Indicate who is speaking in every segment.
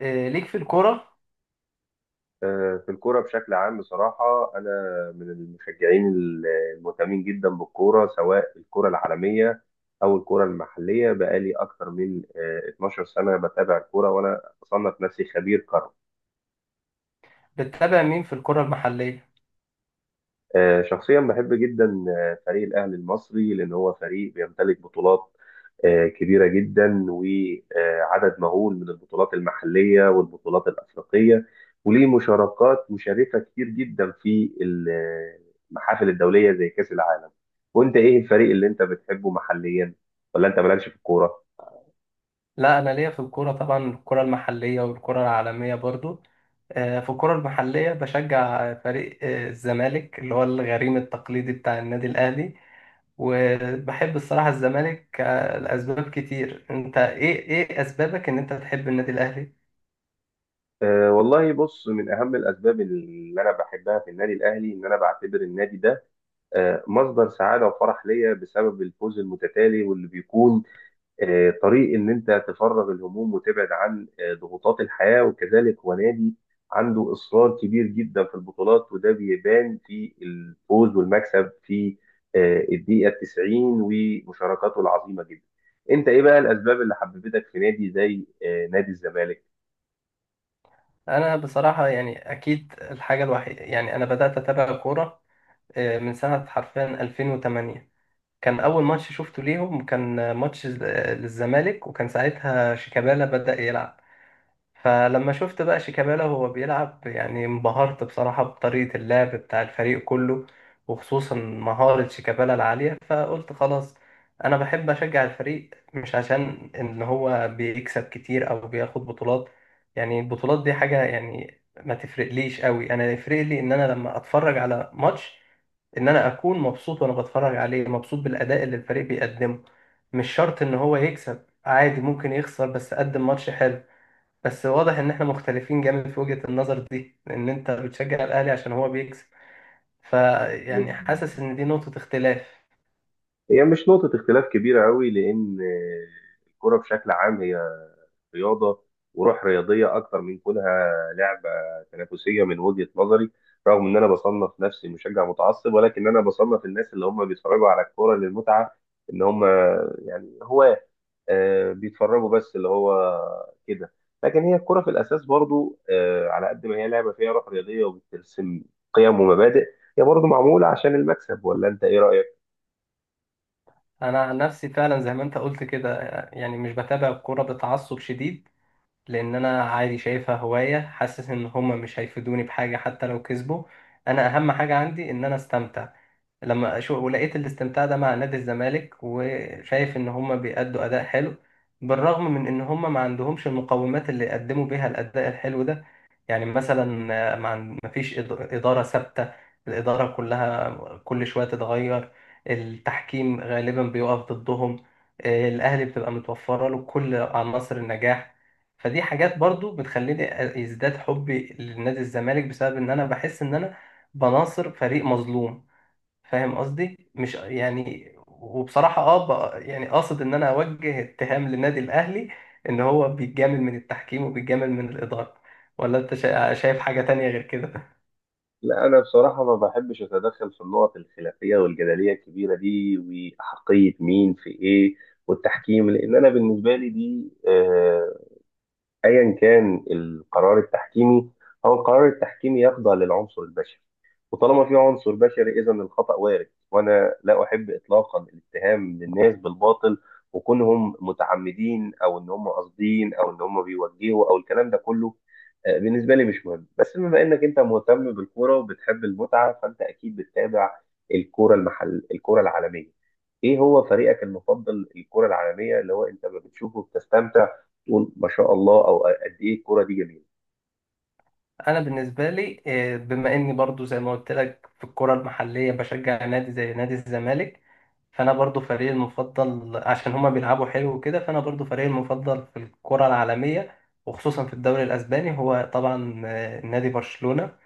Speaker 1: إيه، ليك في الكرة.
Speaker 2: في الكورة بشكل عام، بصراحة أنا من المشجعين المهتمين جدا بالكورة، سواء الكورة العالمية أو الكورة المحلية. بقالي أكتر من 12 سنة بتابع الكورة، وأنا أصنف نفسي خبير كرة.
Speaker 1: بتتابع مين في الكرة المحلية؟
Speaker 2: شخصيا بحب جدا فريق الأهلي المصري، لأن هو فريق بيمتلك بطولات كبيرة جدا، وعدد مهول من البطولات المحلية والبطولات الأفريقية، وليه مشاركات مشرفة كتير جدا في المحافل الدولية زي كأس العالم. وأنت إيه الفريق اللي أنت بتحبه محليا، ولا أنت مالكش في الكورة؟
Speaker 1: لا، أنا ليا في الكرة طبعا، الكرة المحلية والكرة العالمية برضو. في الكرة المحلية بشجع فريق الزمالك اللي هو الغريم التقليدي بتاع النادي الأهلي. وبحب الصراحة الزمالك لأسباب كتير. أنت إيه أسبابك إن أنت تحب النادي الأهلي؟
Speaker 2: أه والله، بص، من أهم الأسباب اللي أنا بحبها في النادي الأهلي، إن أنا بعتبر النادي ده مصدر سعاده وفرح ليا، بسبب الفوز المتتالي، واللي بيكون طريق ان انت تفرغ الهموم وتبعد عن ضغوطات الحياه. وكذلك هو نادي عنده اصرار كبير جدا في البطولات، وده بيبان في الفوز والمكسب في الدقيقه 90، ومشاركاته العظيمه جدا. انت ايه بقى الاسباب اللي حببتك في نادي زي نادي الزمالك؟
Speaker 1: أنا بصراحة يعني، أكيد الحاجة الوحيدة، يعني أنا بدأت أتابع كورة من سنة حرفيا 2008. كان أول ماتش شفته ليهم كان ماتش للزمالك، وكان ساعتها شيكابالا بدأ يلعب. فلما شفت بقى شيكابالا وهو بيلعب، يعني انبهرت بصراحة بطريقة اللعب بتاع الفريق كله، وخصوصا مهارة شيكابالا العالية. فقلت خلاص، أنا بحب أشجع الفريق مش عشان إن هو بيكسب كتير أو بياخد بطولات. يعني البطولات دي حاجة، يعني ما تفرقليش قوي. أنا يفرق لي إن أنا لما أتفرج على ماتش، ان انا اكون مبسوط، وانا بتفرج عليه مبسوط بالاداء اللي الفريق بيقدمه. مش شرط ان هو يكسب، عادي ممكن يخسر بس قدم ماتش حلو. بس واضح ان احنا مختلفين جامد في وجهة النظر دي، لان انت بتشجع الاهلي عشان هو بيكسب. فيعني حاسس ان دي نقطة اختلاف.
Speaker 2: هي مش نقطة اختلاف كبيرة قوي، لأن الكرة بشكل عام هي رياضه وروح رياضيه، اكتر من كونها لعبه تنافسيه من وجهه نظري. رغم ان انا بصنف نفسي مشجع متعصب، ولكن انا بصنف الناس اللي هم بيتفرجوا على الكوره للمتعه ان هم يعني هواه، بيتفرجوا بس اللي هو كده. لكن هي الكرة في الأساس برضو، على قد ما هي لعبة فيها روح رياضية وبترسم قيم ومبادئ، هي برضو معمولة عشان المكسب. ولا أنت إيه رأيك؟
Speaker 1: انا عن نفسي فعلا زي ما انت قلت كده، يعني مش بتابع الكورة بتعصب شديد، لان انا عادي شايفها هواية. حاسس ان هما مش هيفيدوني بحاجة حتى لو كسبوا. انا اهم حاجة عندي ان انا استمتع. لما شو ولقيت الاستمتاع ده مع نادي الزمالك، وشايف ان هما بيأدوا اداء حلو، بالرغم من ان هما ما عندهمش المقومات اللي يقدموا بيها الاداء الحلو ده. يعني مثلا ما فيش اداره ثابته. الاداره كلها كل شويه تتغير. التحكيم غالبا بيقف ضدهم. الاهلي بتبقى متوفره له كل عناصر النجاح. فدي حاجات برضو بتخليني يزداد حبي لنادي الزمالك، بسبب ان انا بحس ان انا بناصر فريق مظلوم. فاهم قصدي؟ مش يعني وبصراحة يعني قاصد ان انا اوجه اتهام للنادي الاهلي ان هو بيتجامل من التحكيم وبيتجامل من الادارة. ولا انت شايف حاجة تانية غير كده؟
Speaker 2: لا أنا بصراحة ما بحبش أتدخل في النقط الخلافية والجدلية الكبيرة دي، وأحقية مين في إيه والتحكيم، لأن أنا بالنسبة لي دي ايا كان القرار التحكيمي، هو القرار التحكيمي يخضع للعنصر البشري، وطالما في عنصر بشري اذا الخطأ وارد. وانا لا احب اطلاقا الاتهام للناس بالباطل، وكونهم متعمدين او ان هم قاصدين او ان هم بيوجهوا او الكلام ده كله، بالنسبه لي مش مهم. بس بما انك انت مهتم بالكوره وبتحب المتعه، فانت اكيد بتتابع الكوره العالميه. ايه هو فريقك المفضل الكوره العالميه اللي هو انت بتشوفه بتستمتع تقول ما شاء الله، او قد ايه الكوره دي جميله؟
Speaker 1: انا بالنسبة لي بما اني برضو زي ما قلت لك في الكرة المحلية بشجع نادي زي نادي الزمالك، فانا برضو فريقي المفضل عشان هما بيلعبوا حلو وكده. فانا برضو فريقي المفضل في الكرة العالمية، وخصوصا في الدوري الاسباني، هو طبعا نادي برشلونة.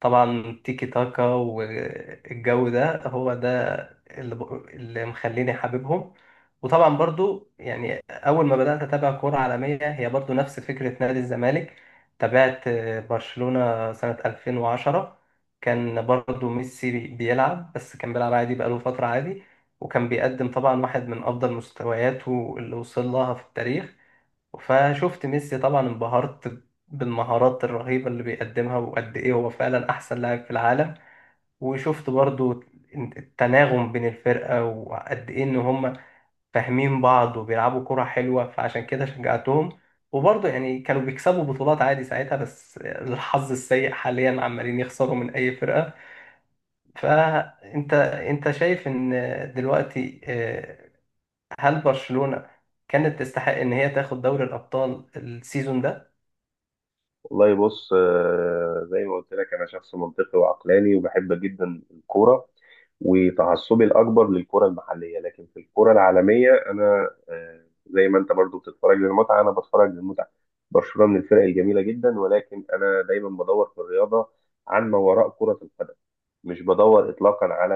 Speaker 1: طبعا تيكي تاكا والجو ده، هو ده اللي, ب... اللي مخليني حاببهم. وطبعا برضو، يعني اول ما بدات اتابع كوره عالميه هي برضو نفس فكره نادي الزمالك. تابعت برشلونه سنه 2010، كان برضو ميسي بيلعب، بس كان بيلعب عادي بقاله فتره عادي. وكان بيقدم طبعا واحد من افضل مستوياته اللي وصل لها في التاريخ. فشفت ميسي طبعا، انبهرت بالمهارات الرهيبة اللي بيقدمها، وقد إيه هو فعلا أحسن لاعب في العالم. وشفت برضو التناغم بين الفرقة وقد إيه إن هم فاهمين بعض وبيلعبوا كرة حلوة، فعشان كده شجعتهم. وبرضو يعني كانوا بيكسبوا بطولات عادي ساعتها، بس الحظ السيء حاليا عمالين يخسروا من أي فرقة. فأنت، أنت شايف إن دلوقتي هل برشلونة كانت تستحق إن هي تاخد دوري الأبطال السيزون ده؟
Speaker 2: والله بص، زي ما قلت لك انا شخص منطقي وعقلاني وبحب جدا الكوره، وتعصبي الاكبر للكره المحليه. لكن في الكره العالميه انا زي ما انت برضو بتتفرج للمتعه انا بتفرج للمتعه. برشلونه من الفرق الجميله جدا، ولكن انا دايما بدور في الرياضه عن ما وراء كره القدم. مش بدور اطلاقا على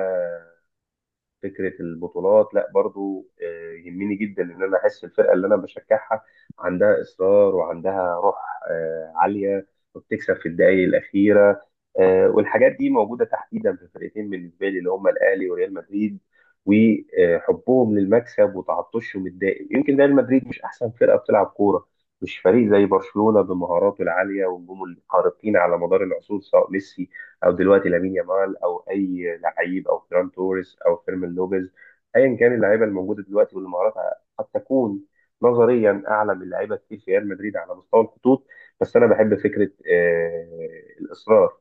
Speaker 2: فكره البطولات، لا. برضو يهمني جدا ان انا احس الفرقه اللي انا بشجعها عندها اصرار وعندها روح عاليه، وبتكسب في الدقائق الاخيره. والحاجات دي موجوده تحديدا في فرقتين بالنسبه لي، اللي هم الاهلي وريال مدريد، وحبهم للمكسب وتعطشهم الدائم. يمكن ريال مدريد مش احسن فرقه بتلعب كوره، مش فريق زي برشلونه بمهاراته العاليه ونجومه الخارقين على مدار العصور، سواء ميسي او دلوقتي لامين يامال او اي لعيب او فران توريس او فيرمين لوبيز، ايا كان اللعيبه الموجوده دلوقتي، واللي مهاراتها قد تكون نظريا اعلى من لعيبه كتير في ريال مدريد على مستوى الخطوط. بس انا بحب فكره الاصرار.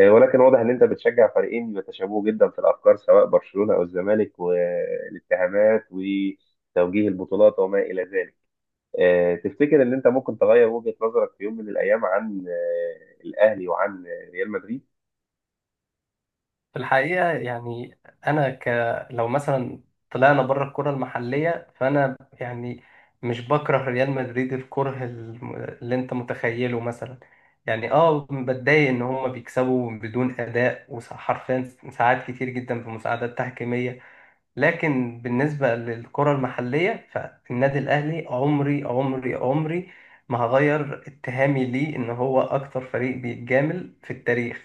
Speaker 2: ولكن واضح ان انت بتشجع فريقين بيتشابهوا جدا في الافكار، سواء برشلونه او الزمالك، والاتهامات وتوجيه البطولات وما الى ذلك. تفتكر ان انت ممكن تغير وجهه نظرك في يوم من الايام عن الاهلي وعن ريال مدريد؟
Speaker 1: في الحقيقة يعني أنا ك لو مثلا طلعنا بره الكرة المحلية، فأنا يعني مش بكره ريال مدريد، اللي أنت متخيله مثلا. يعني أه، بتضايق إن هما بيكسبوا بدون أداء، وحرفيا ساعات كتير جدا بمساعدات تحكيمية. لكن بالنسبة للكرة المحلية، فالنادي الأهلي عمري ما هغير اتهامي ليه إن هو أكتر فريق بيتجامل في التاريخ.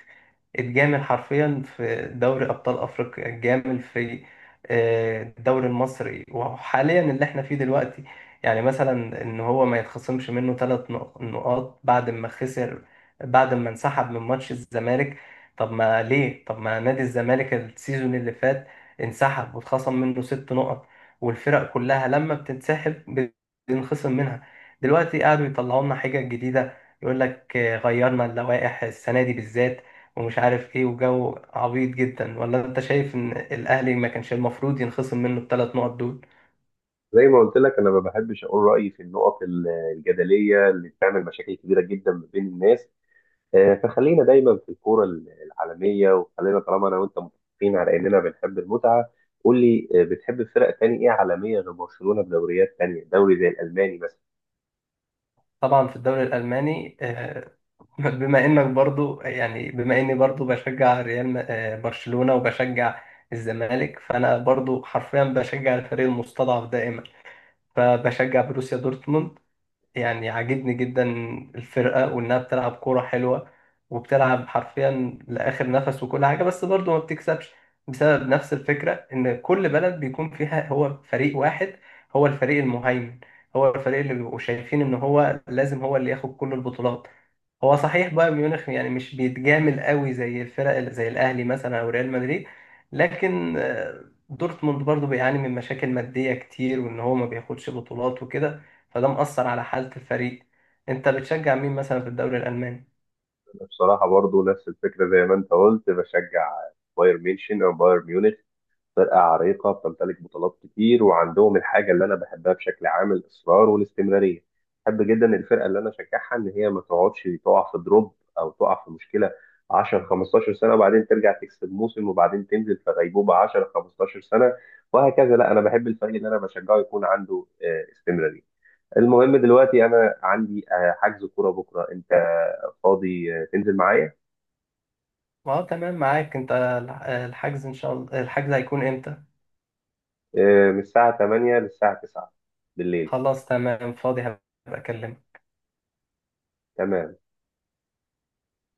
Speaker 1: اتجامل حرفيا في دوري أبطال أفريقيا، اتجامل في الدوري المصري، وحاليا اللي احنا فيه دلوقتي. يعني مثلا إن هو ما يتخصمش منه ثلاث نقاط بعد ما خسر، بعد ما انسحب من ماتش الزمالك. طب ما ليه؟ طب ما نادي الزمالك السيزون اللي فات انسحب واتخصم منه ست نقط. والفرق كلها لما بتنسحب بينخصم منها. دلوقتي قعدوا يطلعوا لنا حجج جديدة، يقول لك غيرنا اللوائح السنة دي بالذات، ومش عارف ايه، وجو عبيط جدا. ولا انت شايف ان الاهلي ما كانش المفروض ينخصم منه الثلاث نقط دول؟
Speaker 2: زي ما قلت لك، انا ما بحبش اقول رايي في الجدليه اللي بتعمل مشاكل كبيره جدا ما بين الناس. فخلينا دايما في العالميه. وخلينا، طالما انا وانت متفقين على اننا بنحب المتعه، قول لي بتحب فرق تاني ايه عالميه غير برشلونه، بدوريات تانيه، دوري زي الالماني مثلا؟
Speaker 1: طبعا في الدوري الالماني بما اني برضو بشجع ريال م- آه، برشلونة وبشجع الزمالك، فانا برضو حرفيا بشجع الفريق المستضعف دائما. فبشجع بروسيا دورتموند، يعني عاجبني جدا الفرقة، وإنها بتلعب كورة حلوة، وبتلعب حرفيا لآخر نفس وكل حاجة، بس برضه ما بتكسبش، بسبب نفس الفكرة إن كل بلد بيكون فيها هو فريق واحد، هو الفريق المهيمن، هو الفريق اللي بيبقوا شايفين إن هو لازم هو اللي ياخد كل البطولات. هو صحيح بايرن ميونخ يعني مش بيتجامل قوي زي زي الأهلي مثلا أو ريال مدريد، لكن دورتموند برضه بيعاني من مشاكل مادية كتير، وإن هو ما بياخدش بطولات وكده، فده مأثر على حالة الفريق. انت بتشجع مين مثلا في الدوري الألماني؟
Speaker 2: أنا بصراحه برضو نفس الفكره زي ما انت قلت، بشجع بايرن ميونشن او بايرن ميونخ. فرقة عريقة بتمتلك بطولات كتير، وعندهم الحاجة اللي أنا بحبها بشكل عام، الإصرار والاستمرارية. بحب جدا الفرقة اللي أنا أشجعها إن هي ما تقعدش تقع في دروب أو تقع في مشكلة 10 15 سنة، وبعدين ترجع تكسب موسم، وبعدين تنزل في غيبوبة 10 15 سنة وهكذا. لا، أنا بحب الفريق اللي أنا بشجعه يكون عنده استمرارية. المهم دلوقتي أنا عندي حجز كورة بكرة. أنت فاضي تنزل معايا؟
Speaker 1: ما هو تمام معاك انت. الحجز ان شاء الله الحجز هيكون امتى؟
Speaker 2: من الساعة 8 للساعة 9 بالليل.
Speaker 1: خلاص تمام، فاضي هبقى اكلمك.
Speaker 2: تمام.